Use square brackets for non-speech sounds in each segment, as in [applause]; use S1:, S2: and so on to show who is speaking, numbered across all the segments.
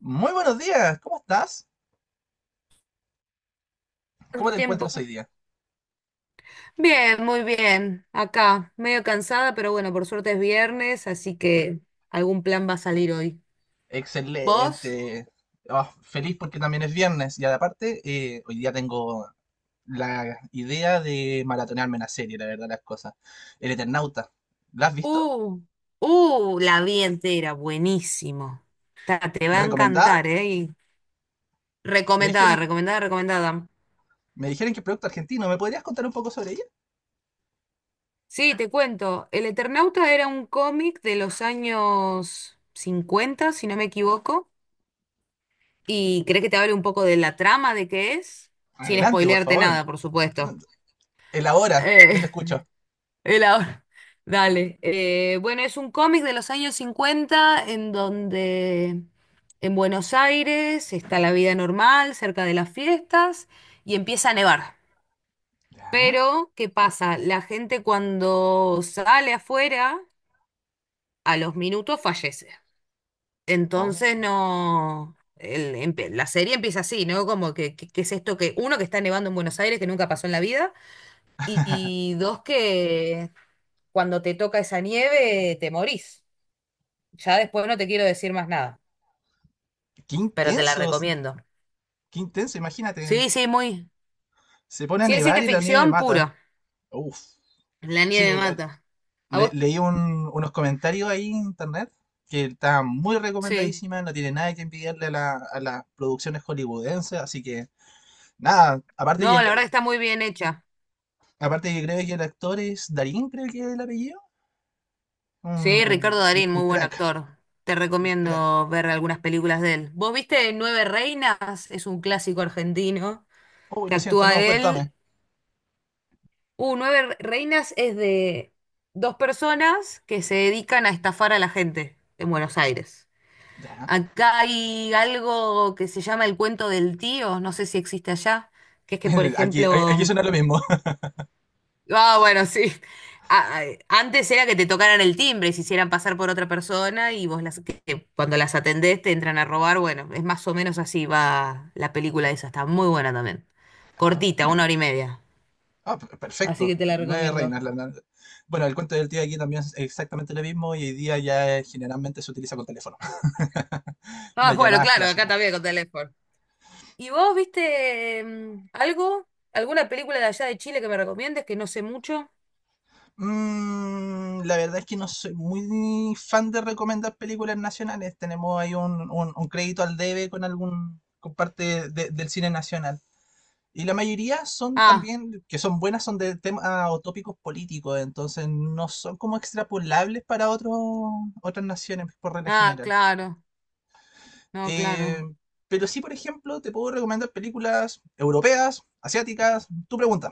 S1: Muy buenos días, ¿cómo estás? ¿Cómo
S2: Tanto
S1: te
S2: tiempo.
S1: encuentras hoy día?
S2: Bien, muy bien. Acá, medio cansada, pero bueno, por suerte es viernes, así que algún plan va a salir hoy. ¿Vos?
S1: Excelente. Oh, feliz porque también es viernes y aparte hoy día tengo la idea de maratonearme una serie, la verdad las cosas. El Eternauta, ¿la has visto?
S2: Uh, la vi entera, buenísimo. Te va a
S1: ¿Recomendada?
S2: encantar, ¿eh? Y
S1: Me
S2: recomendada,
S1: dijeron,
S2: recomendada, recomendada.
S1: me dijeron que es producto argentino, ¿me podrías contar un poco sobre ella?
S2: Sí, te cuento. El Eternauta era un cómic de los años 50 si no me equivoco. ¿Y crees que te hable un poco de la trama de qué es? Sin
S1: Adelante, por
S2: spoilearte
S1: favor.
S2: nada, por
S1: No,
S2: supuesto.
S1: elabora, yo te
S2: Eh,
S1: escucho.
S2: El ahora, [laughs] Dale. Bueno, es un cómic de los años 50 en donde en Buenos Aires está la vida normal, cerca de las fiestas, y empieza a nevar.
S1: ¿Ya?
S2: Pero, ¿qué pasa? La gente cuando sale afuera, a los minutos fallece.
S1: Oh,
S2: Entonces no. La serie empieza así, ¿no? Como que, que es esto que, uno, que está nevando en Buenos Aires, que nunca pasó en la vida, y dos, que cuando te toca esa nieve, te morís. Ya después no te quiero decir más nada,
S1: qué
S2: pero te la
S1: intensos,
S2: recomiendo.
S1: qué intenso, imagínate.
S2: Sí, sí, muy.
S1: Se pone a
S2: Ciencia
S1: nevar y la nieve
S2: ficción puro.
S1: mata. Uf.
S2: La
S1: Sí,
S2: nieve mata. ¿A vos?
S1: leí unos comentarios ahí en internet que está muy
S2: Sí.
S1: recomendadísima, no tiene nada que envidiarle a, a las producciones hollywoodenses, así que nada,
S2: No, la verdad que está muy bien hecha.
S1: aparte que creo que el actor es Darín, creo que es el apellido, un,
S2: Sí, Ricardo
S1: un- un-
S2: Darín,
S1: un
S2: muy buen
S1: crack,
S2: actor. Te
S1: un crack.
S2: recomiendo ver algunas películas de él. ¿Vos viste Nueve Reinas? Es un clásico argentino
S1: Uy,
S2: que
S1: lo siento,
S2: actúa
S1: no,
S2: él.
S1: cuéntame.
S2: Reinas es de dos personas que se dedican a estafar a la gente en Buenos Aires.
S1: Ya,
S2: Acá hay algo que se llama el cuento del tío, no sé si existe allá, que es que, por
S1: [laughs] aquí, aquí
S2: ejemplo,
S1: suena lo mismo. [laughs]
S2: ah, bueno, sí. Antes era que te tocaran el timbre y se hicieran pasar por otra persona y vos las, que cuando las atendés te entran a robar. Bueno, es más o menos así va la película esa, está muy buena también. Cortita, una
S1: Ah,
S2: hora y media. Así
S1: perfecto,
S2: que te la
S1: nueve
S2: recomiendo.
S1: reinas. Bueno, el cuento del tío aquí también es exactamente lo mismo y hoy día ya generalmente se utiliza con teléfono, [laughs]
S2: Ah,
S1: las
S2: bueno,
S1: llamadas
S2: claro, acá
S1: clásicas.
S2: también con teléfono. ¿Y vos viste algo? ¿Alguna película de allá de Chile que me recomiendes que no sé mucho?
S1: La verdad es que no soy muy fan de recomendar películas nacionales. Tenemos ahí un crédito al debe con algún con parte del cine nacional. Y la mayoría son
S2: Ah,
S1: también, que son buenas, son de temas o tópicos políticos, entonces no son como extrapolables para otros otras naciones por regla
S2: ah,
S1: general.
S2: claro, no,
S1: Eh,
S2: claro.
S1: pero sí, por ejemplo, te puedo recomendar películas europeas, asiáticas, tu pregunta.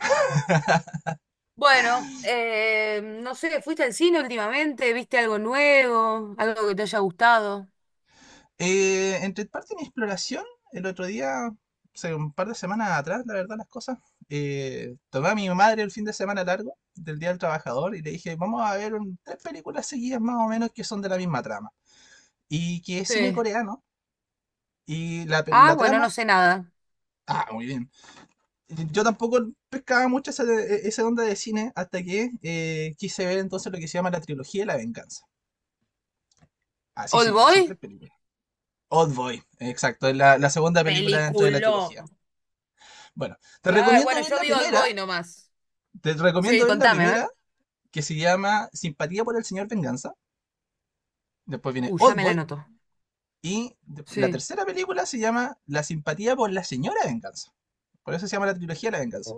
S2: Bueno, no sé, ¿fuiste al cine últimamente? ¿Viste algo nuevo? ¿Algo que te haya gustado?
S1: Entre parte de mi exploración, el otro día, hace un par de semanas atrás, la verdad, las cosas, tomé a mi madre el fin de semana largo del Día del Trabajador y le dije, vamos a ver tres películas seguidas más o menos que son de la misma trama y que es cine
S2: Sí.
S1: coreano y
S2: Ah,
S1: la
S2: bueno,
S1: trama...
S2: no sé nada.
S1: Ah, muy bien. Yo tampoco pescaba mucho esa, esa onda de cine hasta que quise ver entonces lo que se llama la trilogía de la venganza. Así se
S2: ¿Old
S1: llama, son tres
S2: Boy?
S1: películas. Old Boy, exacto, es la, la segunda película dentro de la
S2: Peliculón.
S1: trilogía. Bueno, te
S2: Claro,
S1: recomiendo
S2: bueno,
S1: ver
S2: yo
S1: la
S2: vi Old
S1: primera,
S2: Boy nomás.
S1: te
S2: Sí,
S1: recomiendo ver la
S2: contame, a
S1: primera,
S2: ver.
S1: que se llama Simpatía por el Señor Venganza, después viene
S2: Ya me la
S1: Oldboy,
S2: anoto.
S1: y la
S2: Sí.
S1: tercera película se llama La Simpatía por la Señora Venganza. Por eso se llama la trilogía La Venganza.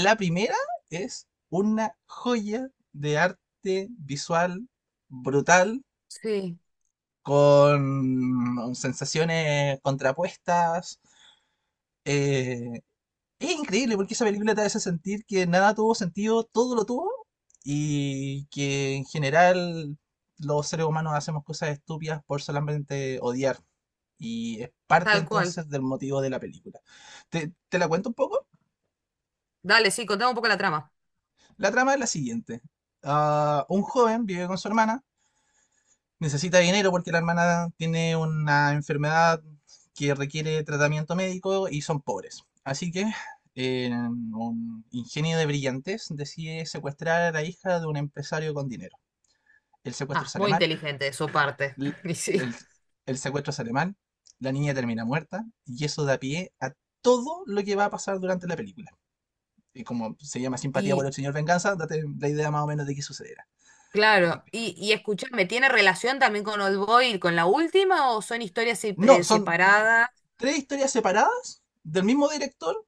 S1: La primera es una joya de arte visual brutal,
S2: Sí,
S1: con sensaciones contrapuestas, eh, es increíble porque esa película te hace sentir que nada tuvo sentido, todo lo tuvo, y que en general los seres humanos hacemos cosas estúpidas por solamente odiar. Y es parte
S2: tal cual.
S1: entonces del motivo de la película. ¿Te, te la cuento un poco?
S2: Dale, sí, contame un poco la trama.
S1: La trama es la siguiente. Ah, un joven vive con su hermana, necesita dinero porque la hermana tiene una enfermedad que requiere tratamiento médico y son pobres. Así que un ingenio de brillantez decide secuestrar a la hija de un empresario con dinero. El secuestro
S2: Ah,
S1: sale
S2: muy
S1: mal,
S2: inteligente de su parte.
S1: l-
S2: [laughs] Y sí.
S1: el, el secuestro sale mal, la niña termina muerta y eso da pie a todo lo que va a pasar durante la película. Y como se llama simpatía por
S2: Y,
S1: el señor Venganza, date la idea más o menos de qué sucederá.
S2: Claro,
S1: Terrible.
S2: y escúchame, ¿tiene relación también con Old Boy, con la última o son historias se-
S1: No,
S2: eh,
S1: son
S2: separadas?
S1: tres historias separadas del mismo director,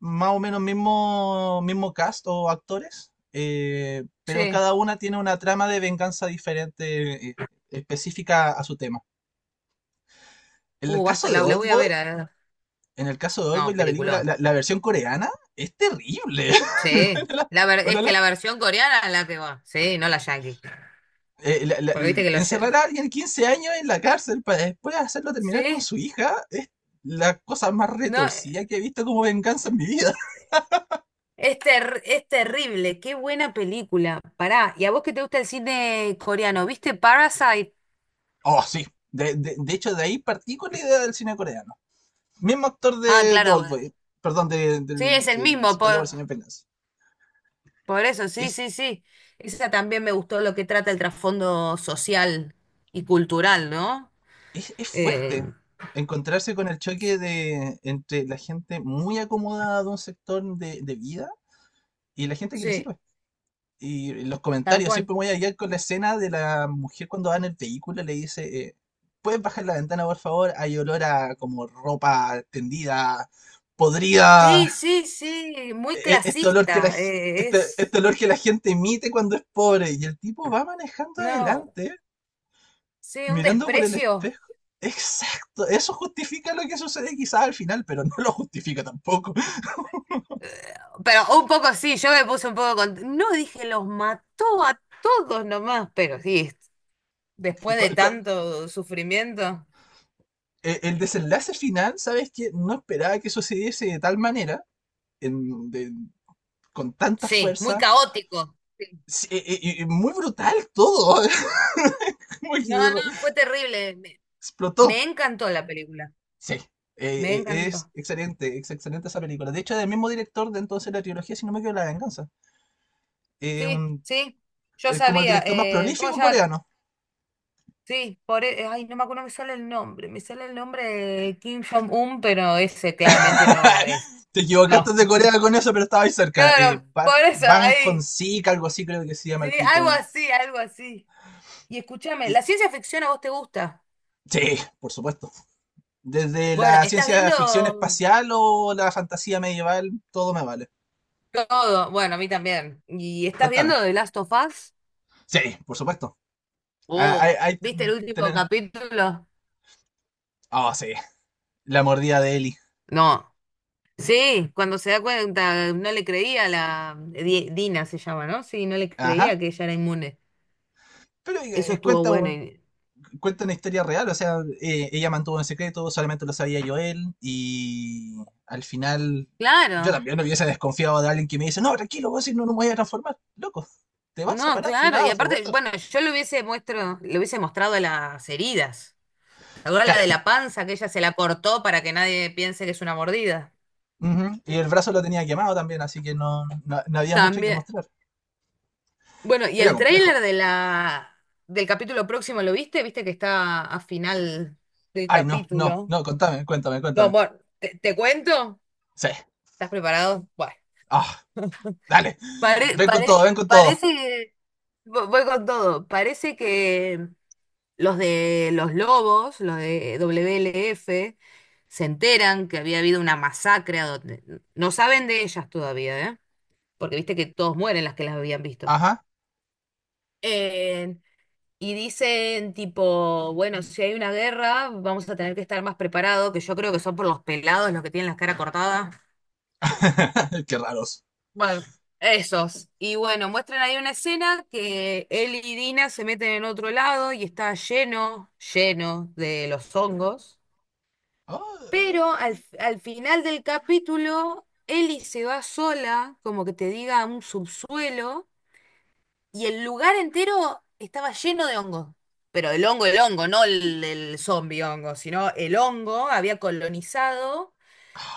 S1: más o menos mismo cast o actores, pero
S2: Sí,
S1: cada una tiene una trama de venganza diferente, específica a su tema. En el
S2: basta,
S1: caso de
S2: la voy a
S1: Oldboy,
S2: ver.
S1: en el caso de Oldboy,
S2: No,
S1: la película,
S2: peliculón.
S1: la versión coreana es terrible. [laughs]
S2: Sí,
S1: La- una
S2: es
S1: de
S2: que la versión coreana es la que va. Sí, no la yankee.
S1: eh, la- la-
S2: Porque viste que
S1: encerrar a alguien 15 años en la cárcel para después hacerlo terminar con
S2: sí,
S1: su hija es la cosa más
S2: no,
S1: retorcida que he visto como venganza en mi vida.
S2: es, es terrible. Qué buena película. Pará, y a vos que te gusta el cine coreano, ¿viste Parasite?
S1: Oh, sí. De, de hecho, de ahí partí con la idea del cine coreano. Mismo actor
S2: Ah,
S1: de
S2: claro, bueno.
S1: Oldboy, perdón, de,
S2: Sí,
S1: del
S2: es el
S1: el
S2: mismo.
S1: Simpatía por el Señor Venganza.
S2: Por eso, sí,
S1: Es,
S2: sí, sí. Esa también me gustó lo que trata el trasfondo social y cultural, ¿no?
S1: es
S2: Eh,
S1: fuerte encontrarse con el choque de, entre la gente muy acomodada de un sector de vida y la gente que le
S2: sí,
S1: sirve. Y los
S2: tal
S1: comentarios,
S2: cual.
S1: siempre voy a llegar con la escena de la mujer cuando va en el vehículo, le dice, ¿puedes bajar la ventana, por favor? Hay olor a como ropa tendida, podrida,
S2: Sí, sí, sí, muy
S1: este olor que
S2: clasista.
S1: este olor que la gente emite cuando es pobre. Y el tipo va manejando
S2: No,
S1: adelante,
S2: sí, un
S1: mirando por el
S2: desprecio.
S1: espejo. Exacto, eso justifica lo que sucede quizás al final, pero no lo justifica tampoco.
S2: Pero un poco sí, yo me puse un poco con. No dije, los mató a todos nomás, pero sí, después de
S1: Cu- cu-
S2: tanto sufrimiento.
S1: el desenlace final, ¿sabes que no esperaba que sucediese de tal manera, en- de- con tanta
S2: Sí, muy
S1: fuerza?
S2: caótico. Sí.
S1: Sí, y muy brutal todo. [laughs] Como que
S2: No, no, fue terrible. me
S1: explotó.
S2: me encantó la película.
S1: Sí,
S2: Me encantó.
S1: es excelente esa película. De hecho, es del mismo director de entonces la trilogía, si no me equivoco, La Venganza. Eh,
S2: Sí,
S1: un,
S2: sí, yo
S1: es como el
S2: sabía.
S1: director más
S2: ¿Cómo
S1: prolífico
S2: se llama?
S1: coreano.
S2: Sí, por, ay, no me acuerdo, no me sale el nombre. Me sale el nombre de Kim Jong-un, pero ese claramente no es.
S1: [laughs] Te equivocaste
S2: No.
S1: de Corea
S2: [laughs]
S1: con eso, pero estaba ahí cerca.
S2: Claro, por eso,
S1: Ban
S2: ahí.
S1: Hong-sik, algo así creo que se llama
S2: Sí,
S1: el
S2: algo
S1: tipo.
S2: así, algo así. Y escúchame,
S1: Y-
S2: ¿la ciencia ficción a vos te gusta?
S1: sí, por supuesto. Desde
S2: Bueno,
S1: la
S2: ¿estás
S1: ciencia ficción
S2: viendo
S1: espacial o la fantasía medieval, todo me vale.
S2: todo? Bueno, a mí también. ¿Y estás viendo
S1: Contame.
S2: The Last of Us?
S1: Sí, por supuesto. Ah, Hay,
S2: Oh,
S1: hay
S2: ¿viste el
S1: ten-
S2: último
S1: tener-
S2: capítulo?
S1: Oh, sí. La mordida de Eli.
S2: No. Sí, cuando se da cuenta, no le creía a la Dina se llama, ¿no? Sí, no le
S1: Ajá.
S2: creía que ella era inmune.
S1: Pero
S2: Eso estuvo bueno. y-
S1: cuenta una historia real, o sea, ella mantuvo en secreto, solamente lo sabía Joel y al final yo
S2: Claro,
S1: también no hubiese desconfiado de alguien que me dice, no, tranquilo, vos si no, no me voy a transformar, loco, te vas a
S2: no,
S1: parar, si me
S2: claro. Y
S1: vas a
S2: aparte,
S1: morder.
S2: bueno, yo le hubiese muestro, le hubiese mostrado las heridas. Ahora la de
S1: Claro.
S2: la panza que ella se la cortó para que nadie piense que es una mordida.
S1: Ujú, y el brazo lo tenía quemado también, así que no había mucho que
S2: También.
S1: mostrar.
S2: Bueno, y
S1: Era
S2: el
S1: complejo.
S2: tráiler de la del capítulo próximo, ¿lo viste? ¿Viste que está a final del
S1: Ay,
S2: capítulo?
S1: no, contame, cuéntame,
S2: No,
S1: cuéntame.
S2: bueno, ¿te, te cuento?
S1: Sí.
S2: ¿Estás preparado? Bueno.
S1: Ah, dale. Ven con todo, ven con todo.
S2: Parece, que voy con todo, parece que los de los Lobos, los de WLF, se enteran que había habido una masacre a donde no saben de ellas todavía, ¿eh? Porque viste que todos mueren las que las habían visto.
S1: Ajá.
S2: Eh, y dicen tipo, bueno, si hay una guerra, vamos a tener que estar más preparados, que yo creo que son por los pelados los que tienen la cara cortada.
S1: [laughs] Qué raros.
S2: Bueno, esos. Y bueno, muestran ahí una escena que él y Dina se meten en otro lado y está lleno, lleno de los hongos.
S1: Ah.
S2: Pero al final del capítulo, Ellie se va sola, como que te diga, a un subsuelo, y el lugar entero estaba lleno de hongos. Pero el hongo, no el, el zombie hongo, sino el hongo había colonizado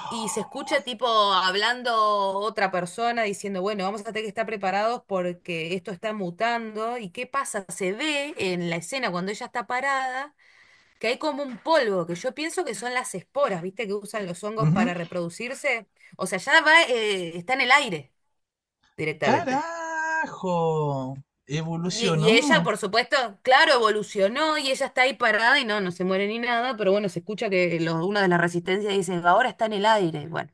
S2: y se escucha tipo hablando otra persona diciendo, bueno, vamos a tener que estar preparados porque esto está mutando. ¿Y qué pasa? Se ve en la escena cuando ella está parada que hay como un polvo, que yo pienso que son las esporas, ¿viste? Que usan los hongos
S1: Ujú.
S2: para reproducirse. O sea, ya va, está en el aire directamente.
S1: ¡Carajo!
S2: Y ella,
S1: Evolucionó.
S2: por supuesto, claro, evolucionó y ella está ahí parada y no, no se muere ni nada, pero bueno, se escucha que una de las resistencias dice, ahora está en el aire. Bueno,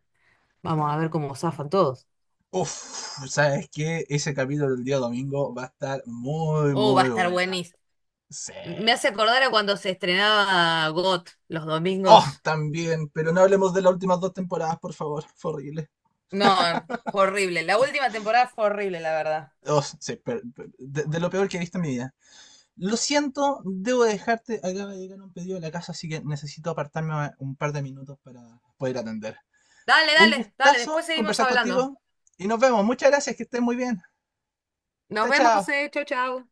S2: vamos a ver cómo zafan todos.
S1: Uf, ¿sabes qué? Ese capítulo del día domingo va a estar muy,
S2: Oh, va a
S1: muy
S2: estar
S1: buena.
S2: buenísimo.
S1: Sí.
S2: Me hace acordar a cuando se estrenaba GOT los
S1: Oh,
S2: domingos.
S1: también, pero no hablemos de las últimas dos temporadas, por favor. Fue horrible.
S2: No, fue horrible. La última temporada fue horrible, la verdad.
S1: Oh, sí, de lo peor que he visto en mi vida. Lo siento, debo dejarte. Acaba de llegar un pedido a la casa, así que necesito apartarme un par de minutos para poder atender.
S2: Dale,
S1: Un
S2: dale, dale. Después
S1: gustazo
S2: seguimos
S1: conversar
S2: hablando.
S1: contigo y nos vemos. Muchas gracias, que estés muy bien.
S2: Nos
S1: Chao,
S2: vemos,
S1: chao.
S2: José. Chau, chau.